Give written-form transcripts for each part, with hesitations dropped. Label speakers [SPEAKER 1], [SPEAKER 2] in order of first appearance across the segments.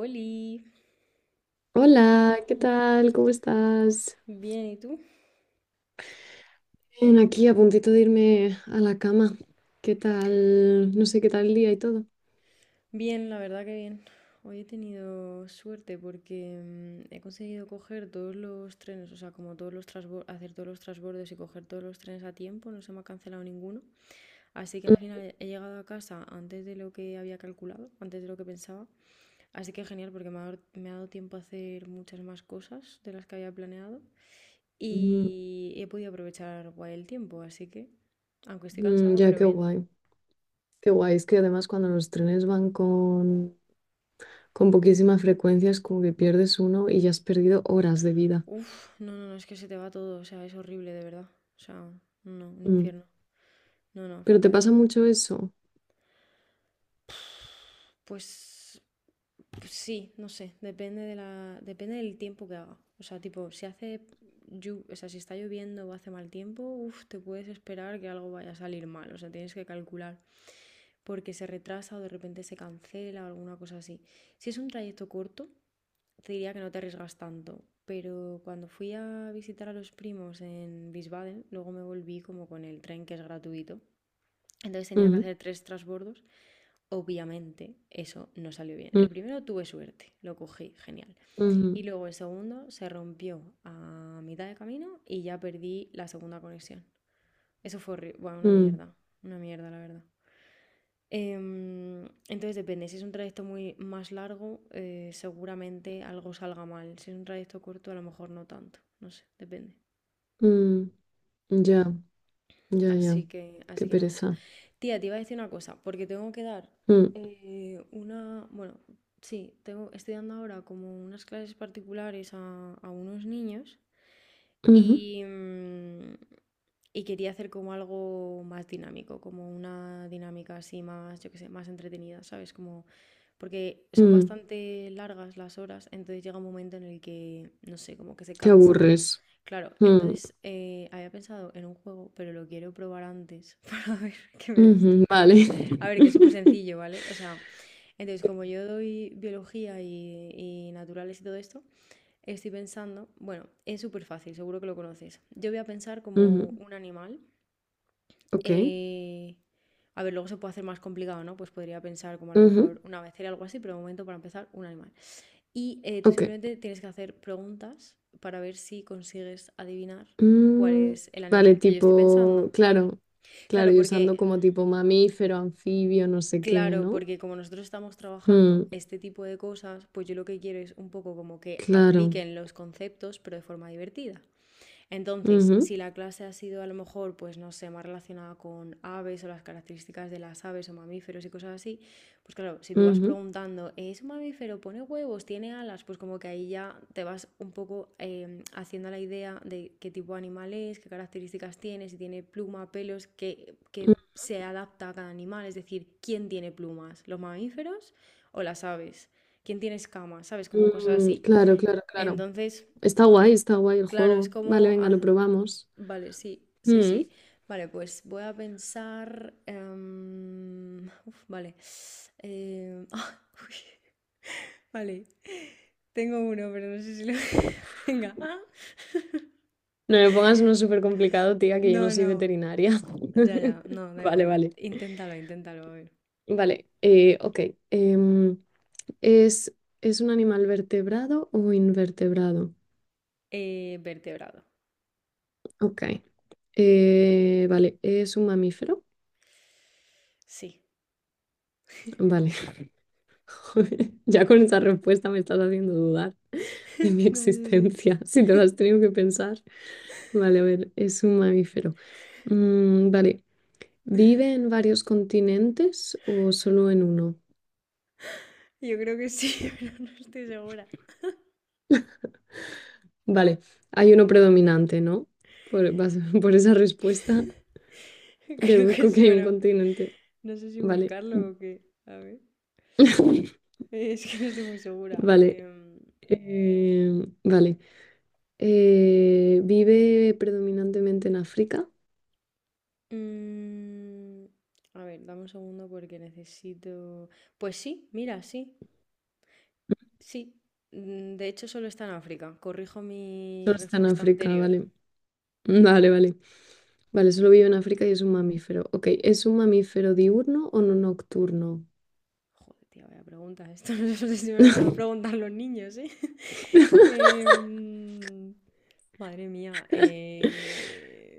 [SPEAKER 1] Oli,
[SPEAKER 2] Hola, ¿qué tal? ¿Cómo estás?
[SPEAKER 1] bien, ¿y tú?
[SPEAKER 2] Bien, aquí a puntito de irme a la cama. ¿Qué tal? No sé qué tal el día y todo.
[SPEAKER 1] Bien, la verdad que bien. Hoy he tenido suerte porque he conseguido coger todos los trenes, o sea, como todos los hacer todos los transbordos y coger todos los trenes a tiempo, no se me ha cancelado ninguno. Así que al final he llegado a casa antes de lo que había calculado, antes de lo que pensaba. Así que genial porque me ha dado tiempo a hacer muchas más cosas de las que había planeado
[SPEAKER 2] Mm,
[SPEAKER 1] y he podido aprovechar guay el tiempo, así que, aunque estoy
[SPEAKER 2] mm,
[SPEAKER 1] cansada,
[SPEAKER 2] ya,
[SPEAKER 1] pero
[SPEAKER 2] qué
[SPEAKER 1] bien.
[SPEAKER 2] guay. Qué guay. Es que además cuando los trenes van con poquísima frecuencia es como que pierdes uno y ya has perdido horas de vida.
[SPEAKER 1] Uf, no, no, no, es que se te va todo, o sea, es horrible, de verdad. O sea, no, un
[SPEAKER 2] Mm.
[SPEAKER 1] infierno. No, no,
[SPEAKER 2] Pero te
[SPEAKER 1] fatal.
[SPEAKER 2] pasa mucho eso.
[SPEAKER 1] Pues, pues sí, no sé, depende depende del tiempo que haga. O sea, tipo, si hace, llu- o sea, si está lloviendo o hace mal tiempo, uf, te puedes esperar que algo vaya a salir mal, o sea, tienes que calcular, porque se retrasa o de repente se cancela o alguna cosa así. Si es un trayecto corto, te diría que no te arriesgas tanto, pero cuando fui a visitar a los primos en Wiesbaden, luego me volví como con el tren que es gratuito. Entonces tenía que
[SPEAKER 2] Ujú,
[SPEAKER 1] hacer tres transbordos. Obviamente eso no salió bien.
[SPEAKER 2] mm,
[SPEAKER 1] El primero tuve suerte, lo cogí, genial. Y
[SPEAKER 2] ujú,
[SPEAKER 1] luego el segundo se rompió a mitad de camino y ya perdí la segunda conexión. Eso fue bueno,
[SPEAKER 2] mm,
[SPEAKER 1] una mierda la verdad. Entonces depende, si es un trayecto muy más largo, seguramente algo salga mal. Si es un trayecto corto, a lo mejor no tanto. No sé, depende.
[SPEAKER 2] mm. Mm. Ya, ya, ya.
[SPEAKER 1] Así que,
[SPEAKER 2] Qué
[SPEAKER 1] así que nada de eso.
[SPEAKER 2] pereza.
[SPEAKER 1] Tía, te iba a decir una cosa, porque tengo que dar
[SPEAKER 2] Mm,
[SPEAKER 1] una, bueno, sí, tengo, estoy dando ahora como unas clases particulares a unos niños.
[SPEAKER 2] ujú,
[SPEAKER 1] Y, mm, y quería hacer como algo más dinámico, como una dinámica así más, yo qué sé, más entretenida, ¿sabes? Como, porque son
[SPEAKER 2] mm.
[SPEAKER 1] bastante largas las horas, entonces llega un momento en el que, no sé, como que se
[SPEAKER 2] Te
[SPEAKER 1] cansan.
[SPEAKER 2] aburres.
[SPEAKER 1] Claro,
[SPEAKER 2] Mm,
[SPEAKER 1] entonces había pensado en un juego, pero lo quiero probar antes para ver que me des tu
[SPEAKER 2] ujú,
[SPEAKER 1] opinión.
[SPEAKER 2] vale.
[SPEAKER 1] A ver, que es súper sencillo, ¿vale? O sea, entonces como yo doy biología y naturales y todo esto. Estoy pensando, bueno, es súper fácil, seguro que lo conoces. Yo voy a pensar como
[SPEAKER 2] Ujú,
[SPEAKER 1] un animal.
[SPEAKER 2] ok.
[SPEAKER 1] eh, a ver, luego se puede hacer más complicado, ¿no? Pues podría pensar como a lo
[SPEAKER 2] Ujú,
[SPEAKER 1] mejor una becera o algo así, pero de momento para empezar, un animal. Y tú
[SPEAKER 2] ok.
[SPEAKER 1] simplemente tienes que hacer preguntas para ver si consigues adivinar cuál
[SPEAKER 2] Mm,
[SPEAKER 1] es el
[SPEAKER 2] vale,
[SPEAKER 1] animal que yo estoy pensando.
[SPEAKER 2] tipo, claro, claro,
[SPEAKER 1] Claro,
[SPEAKER 2] y
[SPEAKER 1] porque,
[SPEAKER 2] usando como tipo mamífero, anfibio, no sé qué,
[SPEAKER 1] claro,
[SPEAKER 2] ¿no?
[SPEAKER 1] porque como nosotros estamos trabajando
[SPEAKER 2] Mm,
[SPEAKER 1] este tipo de cosas, pues yo lo que quiero es un poco como que
[SPEAKER 2] claro.
[SPEAKER 1] apliquen los conceptos, pero de forma divertida. Entonces, si la clase ha sido a lo mejor, pues no sé, más relacionada con aves o las características de las aves o mamíferos y cosas así, pues claro, si tú
[SPEAKER 2] Ujú,
[SPEAKER 1] vas
[SPEAKER 2] ujú,
[SPEAKER 1] preguntando, ¿es un mamífero? ¿Pone huevos? ¿Tiene alas? Pues como que ahí ya te vas un poco haciendo la idea de qué tipo de animal es, qué características tiene, si tiene pluma, pelos, qué se adapta a cada animal, es decir, ¿quién tiene plumas? ¿Los mamíferos o las aves? ¿Quién tiene escamas? ¿Sabes? Como cosas
[SPEAKER 2] mm,
[SPEAKER 1] así.
[SPEAKER 2] claro, claro, claro.
[SPEAKER 1] Entonces,
[SPEAKER 2] Está guay el
[SPEAKER 1] claro, es
[SPEAKER 2] juego. Vale,
[SPEAKER 1] como
[SPEAKER 2] venga, lo probamos.
[SPEAKER 1] vale, sí, sí,
[SPEAKER 2] Mm,
[SPEAKER 1] sí. Vale, pues voy a pensar, uf, vale. Ah, uy, vale. Tengo uno, pero no sé si lo venga.
[SPEAKER 2] no me pongas uno súper complicado, tía, que yo no
[SPEAKER 1] No,
[SPEAKER 2] soy
[SPEAKER 1] no.
[SPEAKER 2] veterinaria.
[SPEAKER 1] Ya, ya. No, da
[SPEAKER 2] Vale,
[SPEAKER 1] igual.
[SPEAKER 2] vale.
[SPEAKER 1] Inténtalo, inténtalo. A ver.
[SPEAKER 2] Vale, ok. Em, ¿Es, ¿es un animal vertebrado o invertebrado?
[SPEAKER 1] Vertebrado.
[SPEAKER 2] Ok. Vale, ¿es un mamífero?
[SPEAKER 1] Sí.
[SPEAKER 2] Vale. Joder, ya con esa respuesta me estás haciendo dudar de mi
[SPEAKER 1] No sé si
[SPEAKER 2] existencia, si te lo has tenido que pensar. Vale, a ver, es un mamífero. Mm, vale, ¿vive en varios continentes o solo en uno?
[SPEAKER 1] yo creo que sí, pero no estoy segura.
[SPEAKER 2] Vale, hay uno predominante, ¿no? Por, vas- por esa respuesta
[SPEAKER 1] Creo que
[SPEAKER 2] deduzco que
[SPEAKER 1] sí,
[SPEAKER 2] hay un
[SPEAKER 1] pero
[SPEAKER 2] continente.
[SPEAKER 1] no sé si
[SPEAKER 2] Vale.
[SPEAKER 1] buscarlo o qué. A ver. Es que no estoy muy segura.
[SPEAKER 2] Vale, eh, vale. ¿Vive predominantemente en África?
[SPEAKER 1] Mm, a ver, dame un segundo porque necesito. Pues sí, mira, sí, sí. De hecho, solo está en África. Corrijo mi
[SPEAKER 2] Solo está en
[SPEAKER 1] respuesta
[SPEAKER 2] África,
[SPEAKER 1] anterior.
[SPEAKER 2] vale. Vale, vale. Vale, solo vive en África y es un mamífero. Ok, ¿es un mamífero diurno o no nocturno?
[SPEAKER 1] Joder, tía, vaya pregunta. Esto no sé si me lo van a preguntar los niños, ¿eh? Em, madre mía.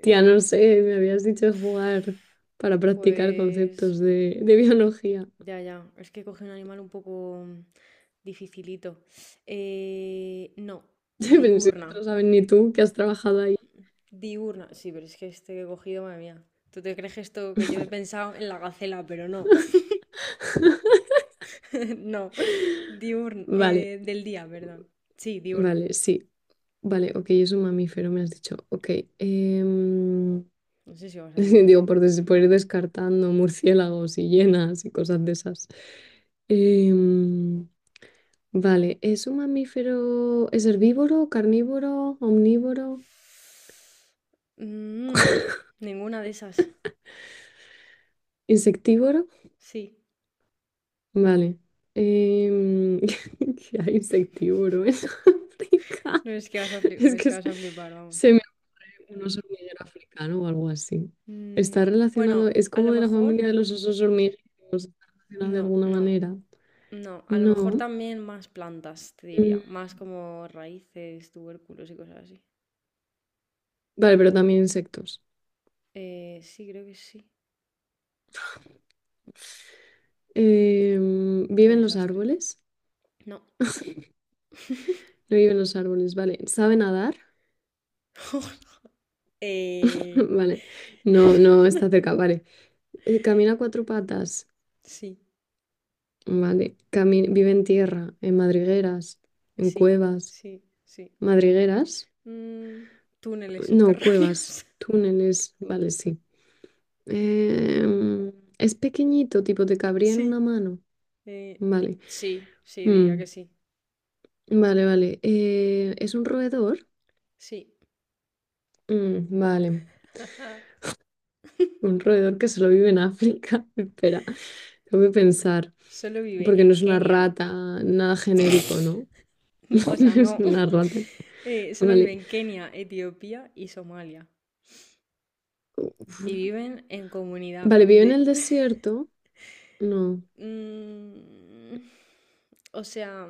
[SPEAKER 2] Tía, no sé, me habías dicho jugar para practicar
[SPEAKER 1] Pues.
[SPEAKER 2] conceptos de biología.
[SPEAKER 1] Ya, ya, es que coge un animal un poco dificilito. No,
[SPEAKER 2] Pero si no te lo
[SPEAKER 1] diurna,
[SPEAKER 2] sabes ni tú, que has trabajado ahí.
[SPEAKER 1] diurna. Sí, pero es que este que he cogido, madre mía. ¿Tú te crees que esto que yo he pensado en la gacela? Pero no, no. Diurna,
[SPEAKER 2] Vale,
[SPEAKER 1] del día, perdón. Sí, diurna.
[SPEAKER 2] vale, sí. Vale, ok, es un mamífero, me has dicho. Ok. em,
[SPEAKER 1] No sé si vas a adivinar, ¿eh?
[SPEAKER 2] digo, por ir descartando murciélagos y hienas y cosas de esas. Em, vale, ¿es un mamífero, es herbívoro, carnívoro, omnívoro,
[SPEAKER 1] Mm, ninguna de esas.
[SPEAKER 2] insectívoro?
[SPEAKER 1] Sí.
[SPEAKER 2] Vale. Em, ¿qué hay insectívoro en África?
[SPEAKER 1] No es que vas a flipar,
[SPEAKER 2] Es
[SPEAKER 1] es
[SPEAKER 2] que
[SPEAKER 1] que vas a flipar, vamos.
[SPEAKER 2] se, Un oso hormiguero africano o algo así. Está
[SPEAKER 1] No. Bueno,
[SPEAKER 2] relacionado, es
[SPEAKER 1] a lo
[SPEAKER 2] como de la
[SPEAKER 1] mejor.
[SPEAKER 2] familia de los osos hormigueros, está relacionado de
[SPEAKER 1] No,
[SPEAKER 2] alguna
[SPEAKER 1] no.
[SPEAKER 2] manera.
[SPEAKER 1] No, a lo mejor
[SPEAKER 2] No.
[SPEAKER 1] también más plantas, te
[SPEAKER 2] Mm,
[SPEAKER 1] diría. Más como raíces, tubérculos y cosas así.
[SPEAKER 2] vale, pero también insectos.
[SPEAKER 1] Sí, creo que sí.
[SPEAKER 2] Em,
[SPEAKER 1] Qué
[SPEAKER 2] ¿vive en los
[SPEAKER 1] desastre.
[SPEAKER 2] árboles?
[SPEAKER 1] No.
[SPEAKER 2] No vive en los árboles, vale. ¿Sabe nadar?
[SPEAKER 1] Eh,
[SPEAKER 2] Vale. No, no está cerca, vale. ¿Camina a cuatro patas?
[SPEAKER 1] sí,
[SPEAKER 2] Vale. ¿Vive en tierra? ¿En madrigueras? ¿En
[SPEAKER 1] sí,
[SPEAKER 2] cuevas?
[SPEAKER 1] sí, sí.
[SPEAKER 2] ¿Madrigueras?
[SPEAKER 1] Mm, túneles
[SPEAKER 2] No, cuevas,
[SPEAKER 1] subterráneos.
[SPEAKER 2] túneles, vale, sí. Em, es pequeñito, tipo te cabría en una
[SPEAKER 1] Sí.
[SPEAKER 2] mano.
[SPEAKER 1] eh,
[SPEAKER 2] Vale.
[SPEAKER 1] sí, sí, diría
[SPEAKER 2] Mm,
[SPEAKER 1] que sí.
[SPEAKER 2] vale, vale. ¿Es un roedor?
[SPEAKER 1] Sí.
[SPEAKER 2] Mm, vale. Un roedor que solo vive en África. Espera, tengo que pensar.
[SPEAKER 1] Solo vive
[SPEAKER 2] Porque no
[SPEAKER 1] en
[SPEAKER 2] es una
[SPEAKER 1] Kenia.
[SPEAKER 2] rata, nada genérico, ¿no?
[SPEAKER 1] No, o sea,
[SPEAKER 2] No es
[SPEAKER 1] no.
[SPEAKER 2] una rata.
[SPEAKER 1] Solo vive
[SPEAKER 2] Vale.
[SPEAKER 1] en Kenia, Etiopía y Somalia.
[SPEAKER 2] Uf.
[SPEAKER 1] Y viven en comunidad.
[SPEAKER 2] Vale, ¿vive en el
[SPEAKER 1] De
[SPEAKER 2] desierto? No.
[SPEAKER 1] Mm, o sea,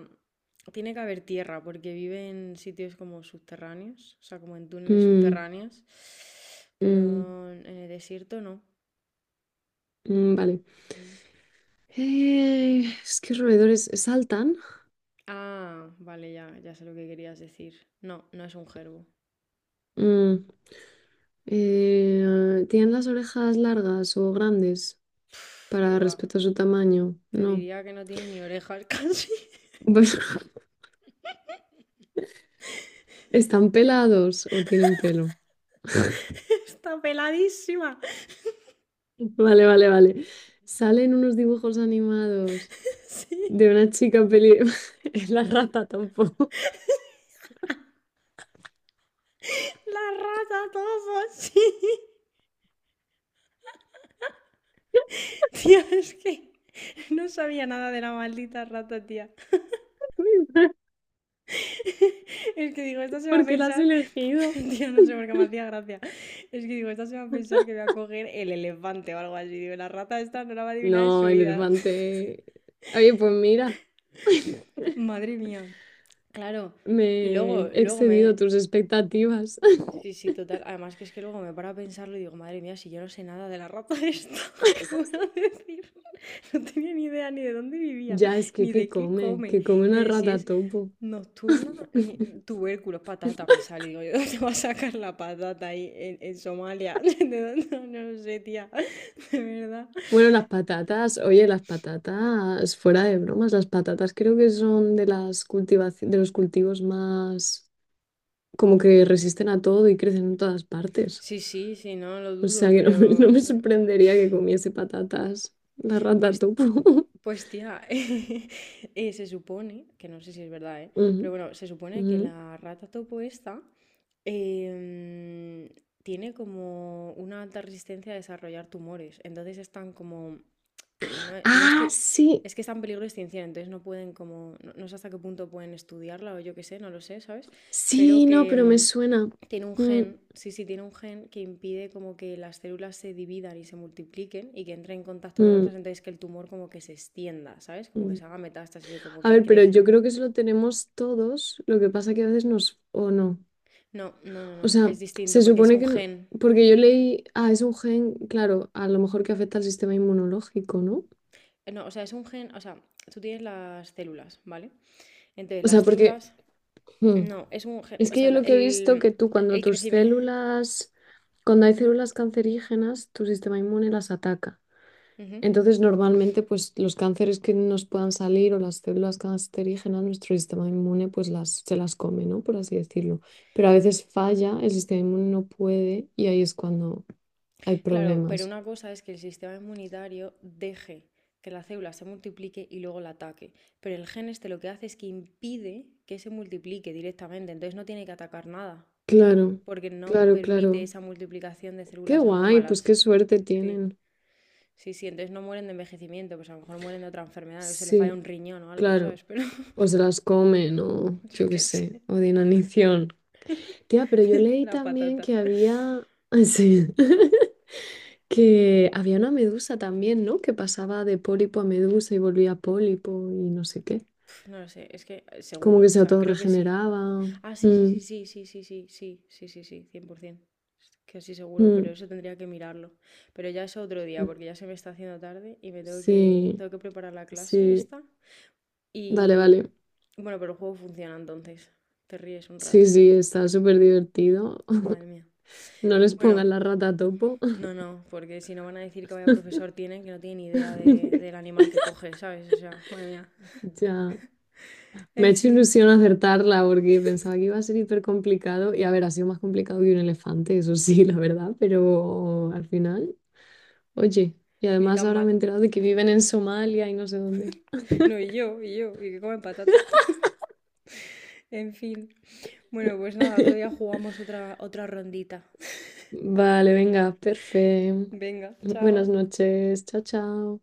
[SPEAKER 1] tiene que haber tierra porque viven en sitios como subterráneos, o sea, como en túneles
[SPEAKER 2] Mm,
[SPEAKER 1] subterráneos,
[SPEAKER 2] mm,
[SPEAKER 1] pero en el desierto no.
[SPEAKER 2] mm, vale.
[SPEAKER 1] Mm.
[SPEAKER 2] Es que roedores saltan.
[SPEAKER 1] Ah, vale, ya, ya sé lo que querías decir. No, no es un gerbo.
[SPEAKER 2] Mm, ¿tienen las orejas largas o grandes
[SPEAKER 1] Uf,
[SPEAKER 2] para
[SPEAKER 1] qué va.
[SPEAKER 2] respecto a su tamaño?
[SPEAKER 1] Te
[SPEAKER 2] No.
[SPEAKER 1] diría que no tiene ni orejas casi.
[SPEAKER 2] Pues, ¿están pelados o tienen pelo?
[SPEAKER 1] Está peladísima.
[SPEAKER 2] Vale, vale, vale. Salen unos dibujos animados
[SPEAKER 1] Sí.
[SPEAKER 2] de una chica peli... Es la rata tampoco.
[SPEAKER 1] La rata todo, sí. Tía, es que no sabía nada de la maldita rata, tía. Es que digo, esta se va a
[SPEAKER 2] ¿Por qué la has
[SPEAKER 1] pensar.
[SPEAKER 2] elegido?
[SPEAKER 1] Tía, no sé por qué me hacía gracia. Es que digo, esta se va a pensar que voy a coger el elefante o algo así. Digo, la rata esta no la va a adivinar en su
[SPEAKER 2] No, el
[SPEAKER 1] vida.
[SPEAKER 2] elefante. Oye, pues mira,
[SPEAKER 1] Madre mía. Claro. Luego,
[SPEAKER 2] me he
[SPEAKER 1] luego
[SPEAKER 2] excedido
[SPEAKER 1] me,
[SPEAKER 2] tus expectativas.
[SPEAKER 1] sí, sí, total. Además que es que luego me paro a pensarlo y digo, madre mía, si yo no sé nada de la rata esta, ¿qué voy a decir? No tenía ni idea ni de dónde vivía,
[SPEAKER 2] Ya, es que
[SPEAKER 1] ni de
[SPEAKER 2] ¿qué
[SPEAKER 1] qué
[SPEAKER 2] come?
[SPEAKER 1] come,
[SPEAKER 2] ¿Qué come
[SPEAKER 1] ni
[SPEAKER 2] una
[SPEAKER 1] de si
[SPEAKER 2] rata
[SPEAKER 1] es
[SPEAKER 2] topo?
[SPEAKER 1] nocturna, ni tubérculos, patata me sale. Digo, ¿de dónde va a sacar la patata ahí en Somalia? ¿De dónde? No, no lo sé, tía, de verdad.
[SPEAKER 2] Bueno, las patatas, oye, las patatas, fuera de bromas, las patatas creo que son de de los cultivos más como que resisten a todo y crecen en todas partes.
[SPEAKER 1] Sí, sí, sí, no lo
[SPEAKER 2] O sea
[SPEAKER 1] dudo,
[SPEAKER 2] que no me, no
[SPEAKER 1] pero
[SPEAKER 2] me sorprendería que comiese patatas la rata
[SPEAKER 1] Pues
[SPEAKER 2] topo.
[SPEAKER 1] Pues tía, se supone, que no sé si es verdad, ¿eh?
[SPEAKER 2] Ujú,
[SPEAKER 1] Pero bueno, se supone que
[SPEAKER 2] ujú.
[SPEAKER 1] la rata topo esta em, tiene como una alta resistencia a desarrollar tumores. Entonces están como no, no
[SPEAKER 2] Ah,
[SPEAKER 1] estu-
[SPEAKER 2] sí,
[SPEAKER 1] es que está en peligro de extinción, entonces no pueden como, no, no sé hasta qué punto pueden estudiarla o yo qué sé, no lo sé, ¿sabes? Pero
[SPEAKER 2] sí, no,
[SPEAKER 1] que
[SPEAKER 2] pero me suena.
[SPEAKER 1] tiene un
[SPEAKER 2] Mm,
[SPEAKER 1] gen, sí, sí, tiene un gen que impide como que las células se dividan y se multipliquen y que entren en contacto con otras,
[SPEAKER 2] mm,
[SPEAKER 1] entonces que el tumor como que se extienda, ¿sabes? Como que se
[SPEAKER 2] mm.
[SPEAKER 1] haga metástasis o como
[SPEAKER 2] A
[SPEAKER 1] que
[SPEAKER 2] ver, pero yo
[SPEAKER 1] crezca.
[SPEAKER 2] creo que eso lo tenemos todos, lo que pasa que a veces nos... o no.
[SPEAKER 1] No, no, no,
[SPEAKER 2] O
[SPEAKER 1] no,
[SPEAKER 2] sea,
[SPEAKER 1] es distinto
[SPEAKER 2] se
[SPEAKER 1] porque es
[SPEAKER 2] supone
[SPEAKER 1] un
[SPEAKER 2] que...
[SPEAKER 1] gen.
[SPEAKER 2] porque yo leí, ah, es un gen, claro, a lo mejor que afecta al sistema inmunológico, ¿no?
[SPEAKER 1] No, o sea, es un gen, o sea, tú tienes las células, ¿vale? Entonces
[SPEAKER 2] O
[SPEAKER 1] las
[SPEAKER 2] sea, porque
[SPEAKER 1] células,
[SPEAKER 2] hmm,
[SPEAKER 1] no, es un gen,
[SPEAKER 2] es
[SPEAKER 1] o
[SPEAKER 2] que
[SPEAKER 1] sea,
[SPEAKER 2] yo
[SPEAKER 1] la-
[SPEAKER 2] lo que he visto
[SPEAKER 1] el,
[SPEAKER 2] que tú cuando
[SPEAKER 1] el
[SPEAKER 2] tus
[SPEAKER 1] crecimiento.
[SPEAKER 2] células, cuando hay células cancerígenas, tu sistema inmune las ataca.
[SPEAKER 1] Ujú.
[SPEAKER 2] Entonces, normalmente, pues los cánceres que nos puedan salir o las células cancerígenas, nuestro sistema inmune, pues las, se las come, ¿no? Por así decirlo. Pero a veces falla, el sistema inmune no puede y ahí es cuando hay
[SPEAKER 1] Claro, pero
[SPEAKER 2] problemas.
[SPEAKER 1] una cosa es que el sistema inmunitario deje que la célula se multiplique y luego la ataque. Pero el gen este lo que hace es que impide que se multiplique directamente, entonces no tiene que atacar nada,
[SPEAKER 2] Claro,
[SPEAKER 1] porque no
[SPEAKER 2] claro,
[SPEAKER 1] permite
[SPEAKER 2] claro.
[SPEAKER 1] esa multiplicación de
[SPEAKER 2] Qué
[SPEAKER 1] células
[SPEAKER 2] guay, pues
[SPEAKER 1] anómalas.
[SPEAKER 2] qué suerte
[SPEAKER 1] Sí,
[SPEAKER 2] tienen.
[SPEAKER 1] sí, sí, entonces no mueren de envejecimiento, pues a lo mejor mueren de otra enfermedad, o se le falla
[SPEAKER 2] Sí,
[SPEAKER 1] un riñón o algo,
[SPEAKER 2] claro.
[SPEAKER 1] ¿sabes? Pero
[SPEAKER 2] O se las comen, o
[SPEAKER 1] yo
[SPEAKER 2] yo qué
[SPEAKER 1] qué sé,
[SPEAKER 2] sé, o de inanición. Tía, pero yo leí
[SPEAKER 1] la
[SPEAKER 2] también
[SPEAKER 1] patata.
[SPEAKER 2] que había. Sí. Que había una medusa también, ¿no? Que pasaba de pólipo a medusa y volvía pólipo y no sé qué.
[SPEAKER 1] Pf, no lo sé, es que
[SPEAKER 2] Como que
[SPEAKER 1] seguro, o
[SPEAKER 2] se
[SPEAKER 1] sea, creo que sí.
[SPEAKER 2] autorregeneraba.
[SPEAKER 1] Ah, sí, sí,
[SPEAKER 2] Mm,
[SPEAKER 1] sí, sí, sí, sí, sí, sí, sí, sí, sí, cien por es que sí, seguro, pero
[SPEAKER 2] mm,
[SPEAKER 1] eso tendría que mirarlo. Pero ya es otro día,
[SPEAKER 2] mm.
[SPEAKER 1] porque ya se me está haciendo tarde y
[SPEAKER 2] Sí,
[SPEAKER 1] tengo que preparar la clase
[SPEAKER 2] sí.
[SPEAKER 1] esta.
[SPEAKER 2] Vale,
[SPEAKER 1] Y
[SPEAKER 2] vale.
[SPEAKER 1] bueno, pero el juego funciona entonces. Te ríes un
[SPEAKER 2] Sí,
[SPEAKER 1] rato.
[SPEAKER 2] sí, está súper divertido.
[SPEAKER 1] Madre mía.
[SPEAKER 2] No les
[SPEAKER 1] Bueno,
[SPEAKER 2] pongan la rata a topo.
[SPEAKER 1] no, no, porque si no van a decir que vaya profesor tienen, que no tienen ni idea del animal que coge, ¿sabes? O sea, madre mía.
[SPEAKER 2] Ya, me ha
[SPEAKER 1] En
[SPEAKER 2] hecho
[SPEAKER 1] fin,
[SPEAKER 2] ilusión acertarla porque pensaba que iba a ser hiper complicado y a ver, ha sido más complicado que un elefante, eso sí, la verdad, pero al final, oye, y
[SPEAKER 1] ni
[SPEAKER 2] además
[SPEAKER 1] tan
[SPEAKER 2] ahora
[SPEAKER 1] mal.
[SPEAKER 2] me he enterado de que viven en Somalia y no sé dónde.
[SPEAKER 1] No, y yo, y que comen patata. En fin. Bueno, pues nada, otro día jugamos otra rondita.
[SPEAKER 2] Vale, venga, perfecto.
[SPEAKER 1] Venga,
[SPEAKER 2] Buenas
[SPEAKER 1] chao.
[SPEAKER 2] noches, chao, chao.